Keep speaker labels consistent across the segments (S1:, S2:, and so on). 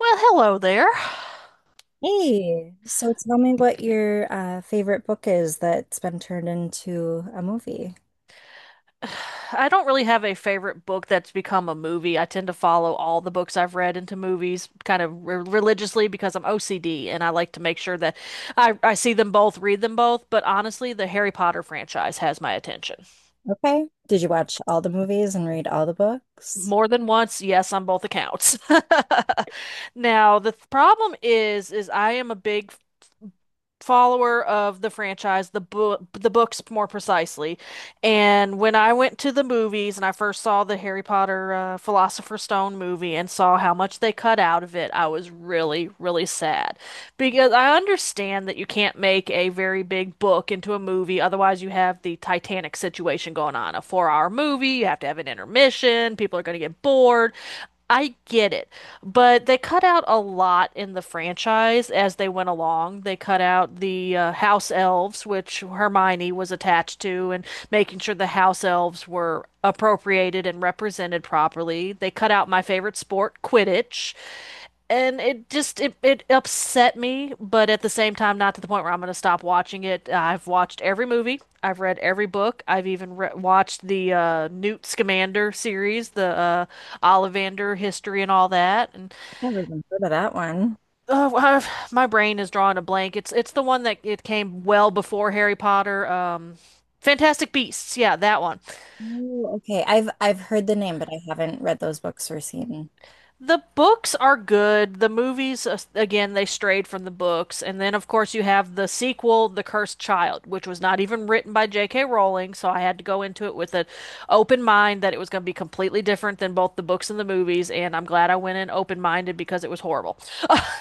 S1: Well, hello there.
S2: Hey, so tell me what your favorite book is that's been turned into a movie.
S1: I don't really have a favorite book that's become a movie. I tend to follow all the books I've read into movies kind of re religiously because I'm OCD and I like to make sure that I see them both, read them both. But honestly, the Harry Potter franchise has my attention.
S2: Okay. Did you watch all the movies and read all the books?
S1: More than once, yes, on both accounts. Now, problem is I am a big follower of the franchise, the books more precisely. And when I went to the movies and I first saw the Harry Potter Philosopher's Stone movie and saw how much they cut out of it, I was really, really sad. Because I understand that you can't make a very big book into a movie, otherwise you have the Titanic situation going on. A 4-hour movie, you have to have an intermission, people are going to get bored. I get it. But they cut out a lot in the franchise as they went along. They cut out the house elves, which Hermione was attached to, and making sure the house elves were appropriated and represented properly. They cut out my favorite sport, Quidditch, and it upset me. But at the same time, not to the point where I'm going to stop watching it. I've watched every movie, I've read every book, I've even watched the Newt Scamander series, the Ollivander history and all that. And
S2: Never even heard of that one.
S1: my brain is drawing a blank. It's the one that it came well before Harry Potter. Fantastic Beasts, yeah, that one.
S2: Oh, okay. I've heard the name, but I haven't read those books or seen.
S1: The books are good. The movies, again, they strayed from the books. And then, of course, you have the sequel, The Cursed Child, which was not even written by J.K. Rowling. So I had to go into it with an open mind that it was going to be completely different than both the books and the movies. And I'm glad I went in open minded, because it was horrible.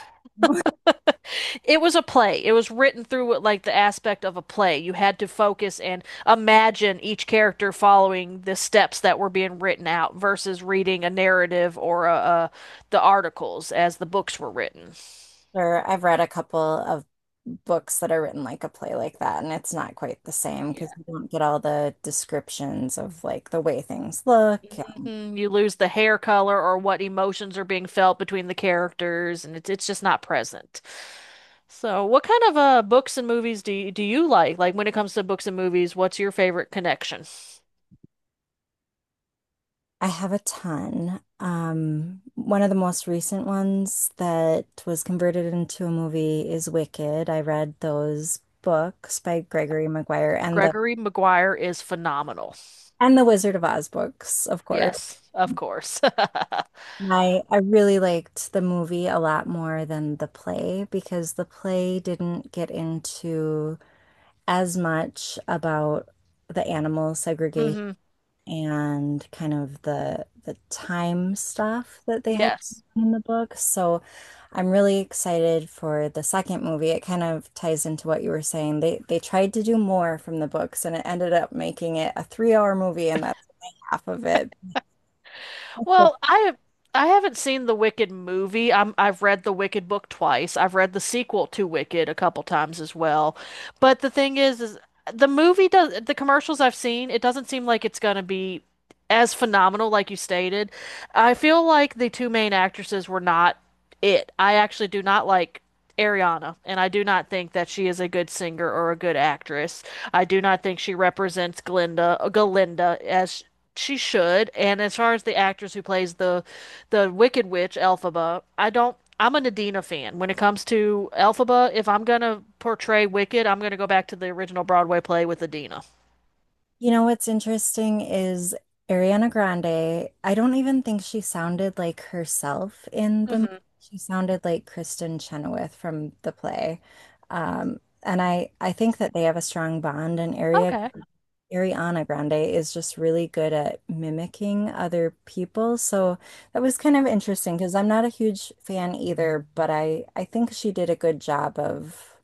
S1: It was a play. It was written through like the aspect of a play. You had to focus and imagine each character following the steps that were being written out, versus reading a narrative or the articles as the books were written.
S2: Or I've read a couple of books that are written like a play like that, and it's not quite the same because
S1: Yeah.
S2: you don't get all the descriptions of like the way things look. Yeah.
S1: You lose the hair color or what emotions are being felt between the characters, and it's just not present. So, what kind of books and movies do you like? Like when it comes to books and movies, what's your favorite connection?
S2: I have a ton. One of the most recent ones that was converted into a movie is Wicked. I read those books by Gregory Maguire and the
S1: Gregory Maguire is phenomenal.
S2: and the Wizard of Oz books, of course.
S1: Yes, of course.
S2: And I really liked the movie a lot more than the play because the play didn't get into as much about the animal segregation
S1: Hmm.
S2: and kind of the time stuff that they had
S1: Yes.
S2: in the book. So I'm really excited for the second movie. It kind of ties into what you were saying. They tried to do more from the books and it ended up making it a 3-hour movie and that's only half of it. They
S1: Well, I haven't seen the Wicked movie. I've read the Wicked book twice. I've read the sequel to Wicked a couple times as well. But the thing is the movie does the commercials I've seen, it doesn't seem like it's gonna be as phenomenal, like you stated. I feel like the two main actresses were not it. I actually do not like Ariana, and I do not think that she is a good singer or a good actress. I do not think she represents Galinda as she should. And as far as the actress who plays the Wicked Witch, Elphaba, I don't. I'm a Nadina fan. When it comes to Elphaba, if I'm gonna portray Wicked, I'm gonna go back to the original Broadway play with Adina.
S2: you know what's interesting is Ariana Grande, I don't even think she sounded like herself in the movie.
S1: Hmm.
S2: She sounded like Kristen Chenoweth from the play. And I think that they have a strong bond, and Ari
S1: Okay.
S2: Ariana Grande is just really good at mimicking other people. So that was kind of interesting because I'm not a huge fan either, but I think she did a good job of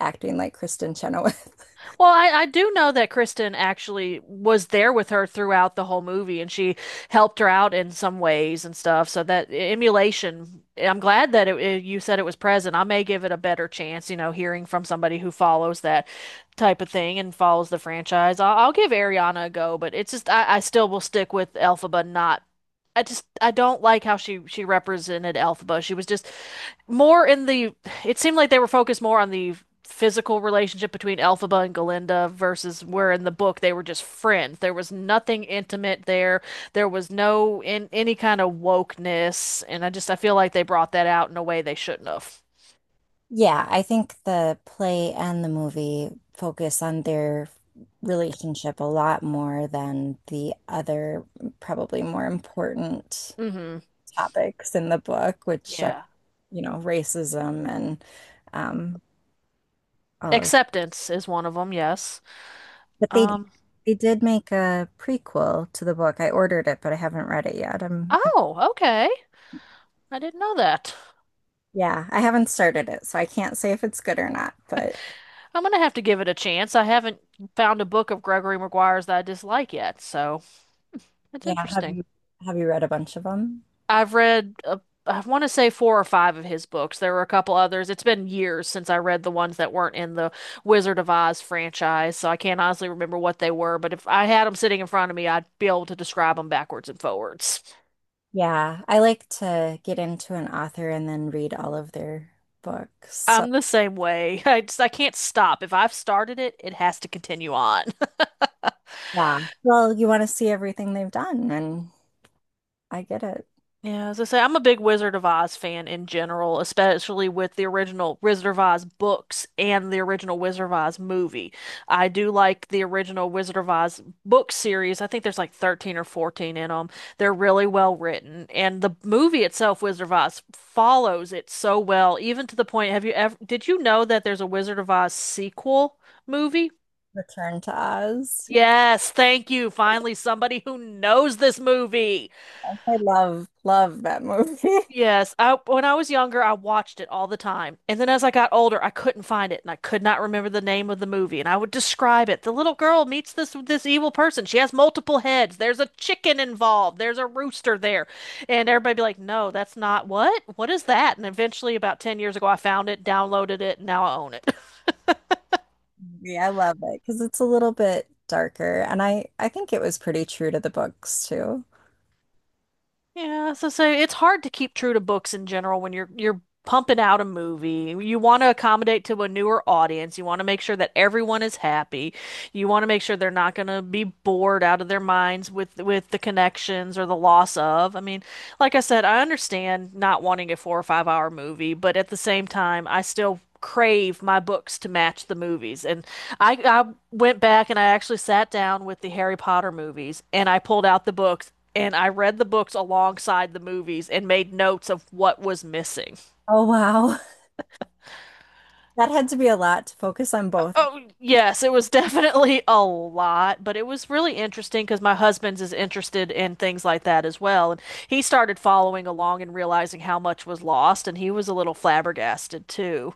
S2: acting like Kristen Chenoweth.
S1: Well, I do know that Kristen actually was there with her throughout the whole movie and she helped her out in some ways and stuff. So that emulation, I'm glad that you said it was present. I may give it a better chance, hearing from somebody who follows that type of thing and follows the franchise. I'll give Ariana a go. But it's just, I still will stick with Elphaba, not. I don't like how she represented Elphaba. She was just more in the, it seemed like they were focused more on the physical relationship between Elphaba and Galinda, versus where in the book they were just friends. There was nothing intimate there. There was no in any kind of wokeness, and I feel like they brought that out in a way they shouldn't have.
S2: Yeah, I think the play and the movie focus on their relationship a lot more than the other, probably more important
S1: Hmm.
S2: topics in the book, which are,
S1: Yeah.
S2: you know, racism and um, all of.
S1: Acceptance is one of them, yes.
S2: But they
S1: Um,
S2: they did make a prequel to the book. I ordered it, but I haven't read it yet. I'm, I
S1: oh, okay. I didn't know that.
S2: Yeah, I haven't started it, so I can't say if it's good or not. But
S1: I'm gonna have to give it a chance. I haven't found a book of Gregory Maguire's that I dislike yet, so it's
S2: yeah,
S1: interesting.
S2: have you read a bunch of them?
S1: I've read I want to say four or five of his books. There were a couple others. It's been years since I read the ones that weren't in the Wizard of Oz franchise, so I can't honestly remember what they were, but if I had them sitting in front of me, I'd be able to describe them backwards and forwards.
S2: Yeah, I like to get into an author and then read all of their books. So,
S1: I'm the same way. I can't stop. If I've started it, it has to continue on.
S2: yeah. Well, you want to see everything they've done, and I get it.
S1: Yeah, as I say, I'm a big Wizard of Oz fan in general, especially with the original Wizard of Oz books and the original Wizard of Oz movie. I do like the original Wizard of Oz book series. I think there's like 13 or 14 in them. They're really well written, and the movie itself, Wizard of Oz, follows it so well, even to the point, did you know that there's a Wizard of Oz sequel movie?
S2: Return to Oz.
S1: Yes, thank you. Finally, somebody who knows this movie.
S2: I love love that movie.
S1: Yes, I when I was younger, I watched it all the time. And then as I got older, I couldn't find it and I could not remember the name of the movie. And I would describe it. The little girl meets this evil person. She has multiple heads. There's a chicken involved. There's a rooster there. And everybody be like, "No, that's not what? What is that?" And eventually about 10 years ago, I found it, downloaded it, and now I own it.
S2: Yeah, I love it because it's a little bit darker, and I think it was pretty true to the books too.
S1: Yeah, so it's hard to keep true to books in general when you're pumping out a movie. You want to accommodate to a newer audience. You want to make sure that everyone is happy. You want to make sure they're not going to be bored out of their minds with the connections or the loss of. I mean, like I said, I understand not wanting a 4 or 5 hour movie, but at the same time, I still crave my books to match the movies. And I went back and I actually sat down with the Harry Potter movies and I pulled out the books and I read the books alongside the movies and made notes of what was missing.
S2: Oh wow. That had to be a lot to focus on both.
S1: Oh, yes, it was definitely a lot, but it was really interesting because my husband's is interested in things like that as well. And he started following along and realizing how much was lost, and he was a little flabbergasted too.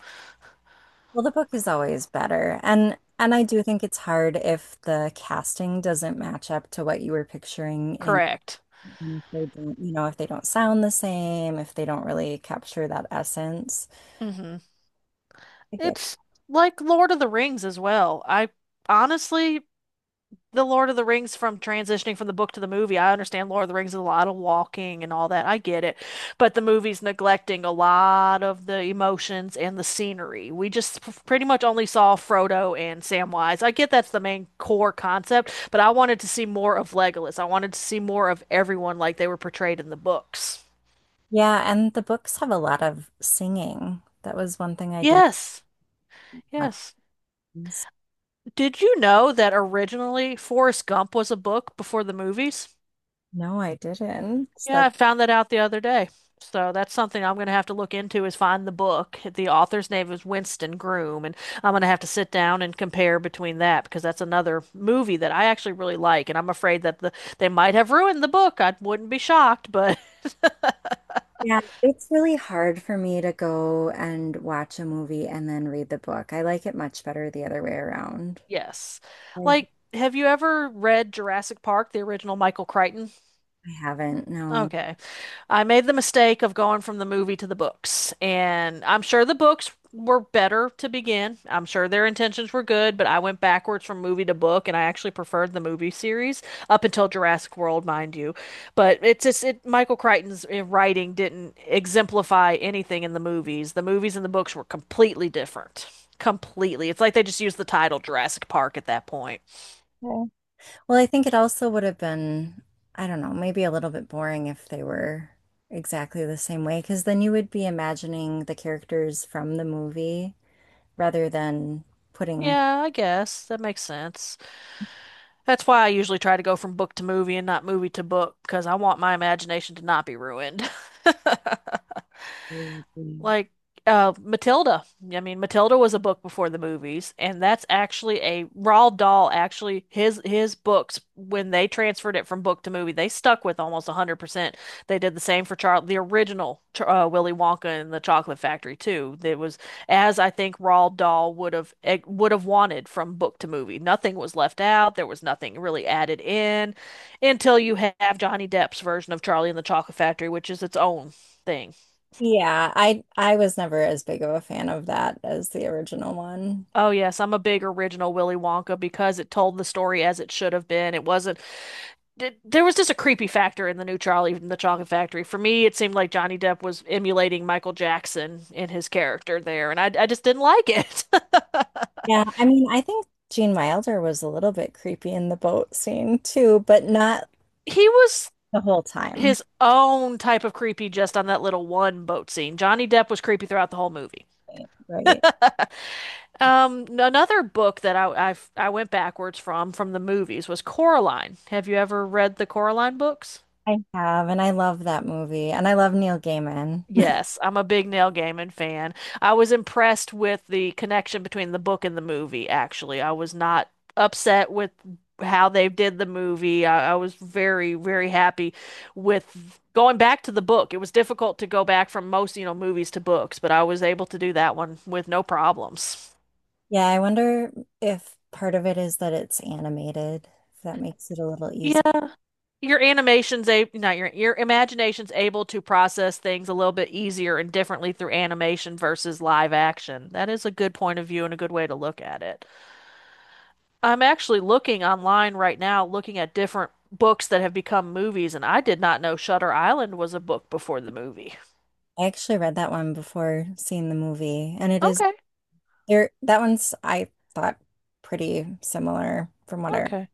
S2: Well, the book is always better. And I do think it's hard if the casting doesn't match up to what you were picturing in,
S1: Correct.
S2: and if they don't, you know, if they don't sound the same, if they don't really capture that essence.
S1: hmm
S2: I get it.
S1: It's like Lord of the Rings as well. I honestly, the Lord of the Rings from transitioning from the book to the movie. I understand Lord of the Rings is a lot of walking and all that. I get it. But the movie's neglecting a lot of the emotions and the scenery. We just pretty much only saw Frodo and Samwise. I get that's the main core concept, but I wanted to see more of Legolas. I wanted to see more of everyone like they were portrayed in the books.
S2: Yeah, and the books have a lot of singing. That was one thing I didn't
S1: Yes.
S2: like.
S1: Yes. Did you know that originally Forrest Gump was a book before the movies?
S2: No, I didn't.
S1: Yeah,
S2: That
S1: I found that out the other day. So that's something I'm going to have to look into is find the book. The author's name is Winston Groom, and I'm going to have to sit down and compare between that because that's another movie that I actually really like, and I'm afraid that they might have ruined the book. I wouldn't be shocked, but
S2: yeah, it's really hard for me to go and watch a movie and then read the book. I like it much better the other way around.
S1: yes.
S2: I-
S1: Like, have you ever read Jurassic Park, the original Michael Crichton?
S2: I haven't, no.
S1: Okay. I made the mistake of going from the movie to the books, and I'm sure the books were better to begin. I'm sure their intentions were good, but I went backwards from movie to book, and I actually preferred the movie series up until Jurassic World, mind you. But Michael Crichton's writing didn't exemplify anything in the movies. The movies and the books were completely different. Completely. It's like they just used the title Jurassic Park at that point.
S2: Okay. Well, I think it also would have been, I don't know, maybe a little bit boring if they were exactly the same way, because then you would be imagining the characters from the movie rather than putting.
S1: Yeah, I guess that makes sense. That's why I usually try to go from book to movie and not movie to book because I want my imagination to not be ruined.
S2: Mm, mm.
S1: Like Matilda. I mean, Matilda was a book before the movies, and that's actually a Roald Dahl actually his books. When they transferred it from book to movie, they stuck with almost 100%. They did the same for Charlie, the original Willy Wonka and the Chocolate Factory too. It was as I think Roald Dahl would have would have wanted from book to movie. Nothing was left out. There was nothing really added in until you have Johnny Depp's version of Charlie and the Chocolate Factory, which is its own thing.
S2: Yeah, I was never as big of a fan of that as the original one.
S1: Oh yes, I'm a big original Willy Wonka because it told the story as it should have been. It wasn't there was just a creepy factor in the new Charlie and the Chocolate Factory. For me, it seemed like Johnny Depp was emulating Michael Jackson in his character there, and I just didn't like it.
S2: Yeah, I mean, I think Gene Wilder was a little bit creepy in the boat scene too, but not
S1: He was
S2: the whole time.
S1: his own type of creepy just on that little one boat scene. Johnny Depp was creepy throughout the whole movie.
S2: Right. Right.
S1: Another book that I went backwards from the movies was Coraline. Have you ever read the Coraline books?
S2: I have, and I love that movie, and I love Neil Gaiman.
S1: Yes, I'm a big Neil Gaiman fan. I was impressed with the connection between the book and the movie, actually. I was not upset with how they did the movie. I was very, very happy with going back to the book. It was difficult to go back from most, movies to books, but I was able to do that one with no problems.
S2: Yeah, I wonder if part of it is that it's animated, if that makes it a little easier.
S1: Yeah. Your animation's a not your your imagination's able to process things a little bit easier and differently through animation versus live action. That is a good point of view and a good way to look at it. I'm actually looking online right now, looking at different books that have become movies, and I did not know Shutter Island was a book before the movie.
S2: I actually read that one before seeing the movie, and it is
S1: Okay,
S2: there. That one's, I thought, pretty similar from what I remember,
S1: okay.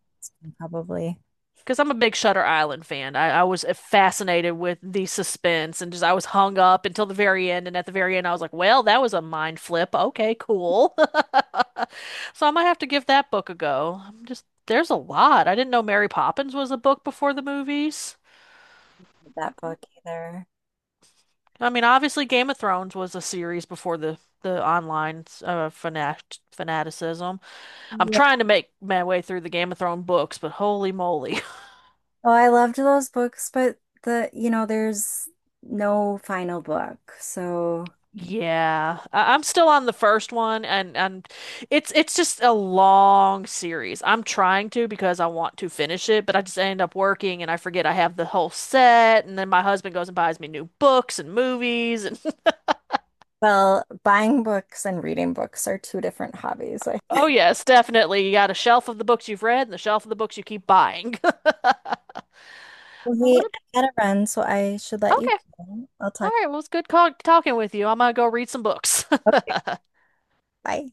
S2: probably
S1: Because I'm a big Shutter Island fan. I was fascinated with the suspense, and just I was hung up until the very end. And at the very end, I was like, well, that was a mind flip. Okay, cool. So I might have to give that book a go. I'm just, there's a lot. I didn't know Mary Poppins was a book before the movies.
S2: with that book either.
S1: I mean, obviously, Game of Thrones was a series before the online fanaticism. I'm
S2: Yeah.
S1: trying to make my way through the Game of Thrones books, but holy moly.
S2: Oh, I loved those books, but the, you know, there's no final book. So,
S1: Yeah, I'm still on the first one, and it's just a long series. I'm trying to because I want to finish it, but I just end up working and I forget I have the whole set, and then my husband goes and buys me new books and movies, and
S2: well, buying books and reading books are two different hobbies. I,
S1: oh yes, definitely, you got a shelf of the books you've read and the shelf of the books you keep buying.
S2: well, hey,
S1: What a-
S2: I gotta run, so I should let you
S1: okay,
S2: go. I'll
S1: all
S2: talk.
S1: right, well it's good talking with you. I'm gonna go read some books.
S2: Okay, bye.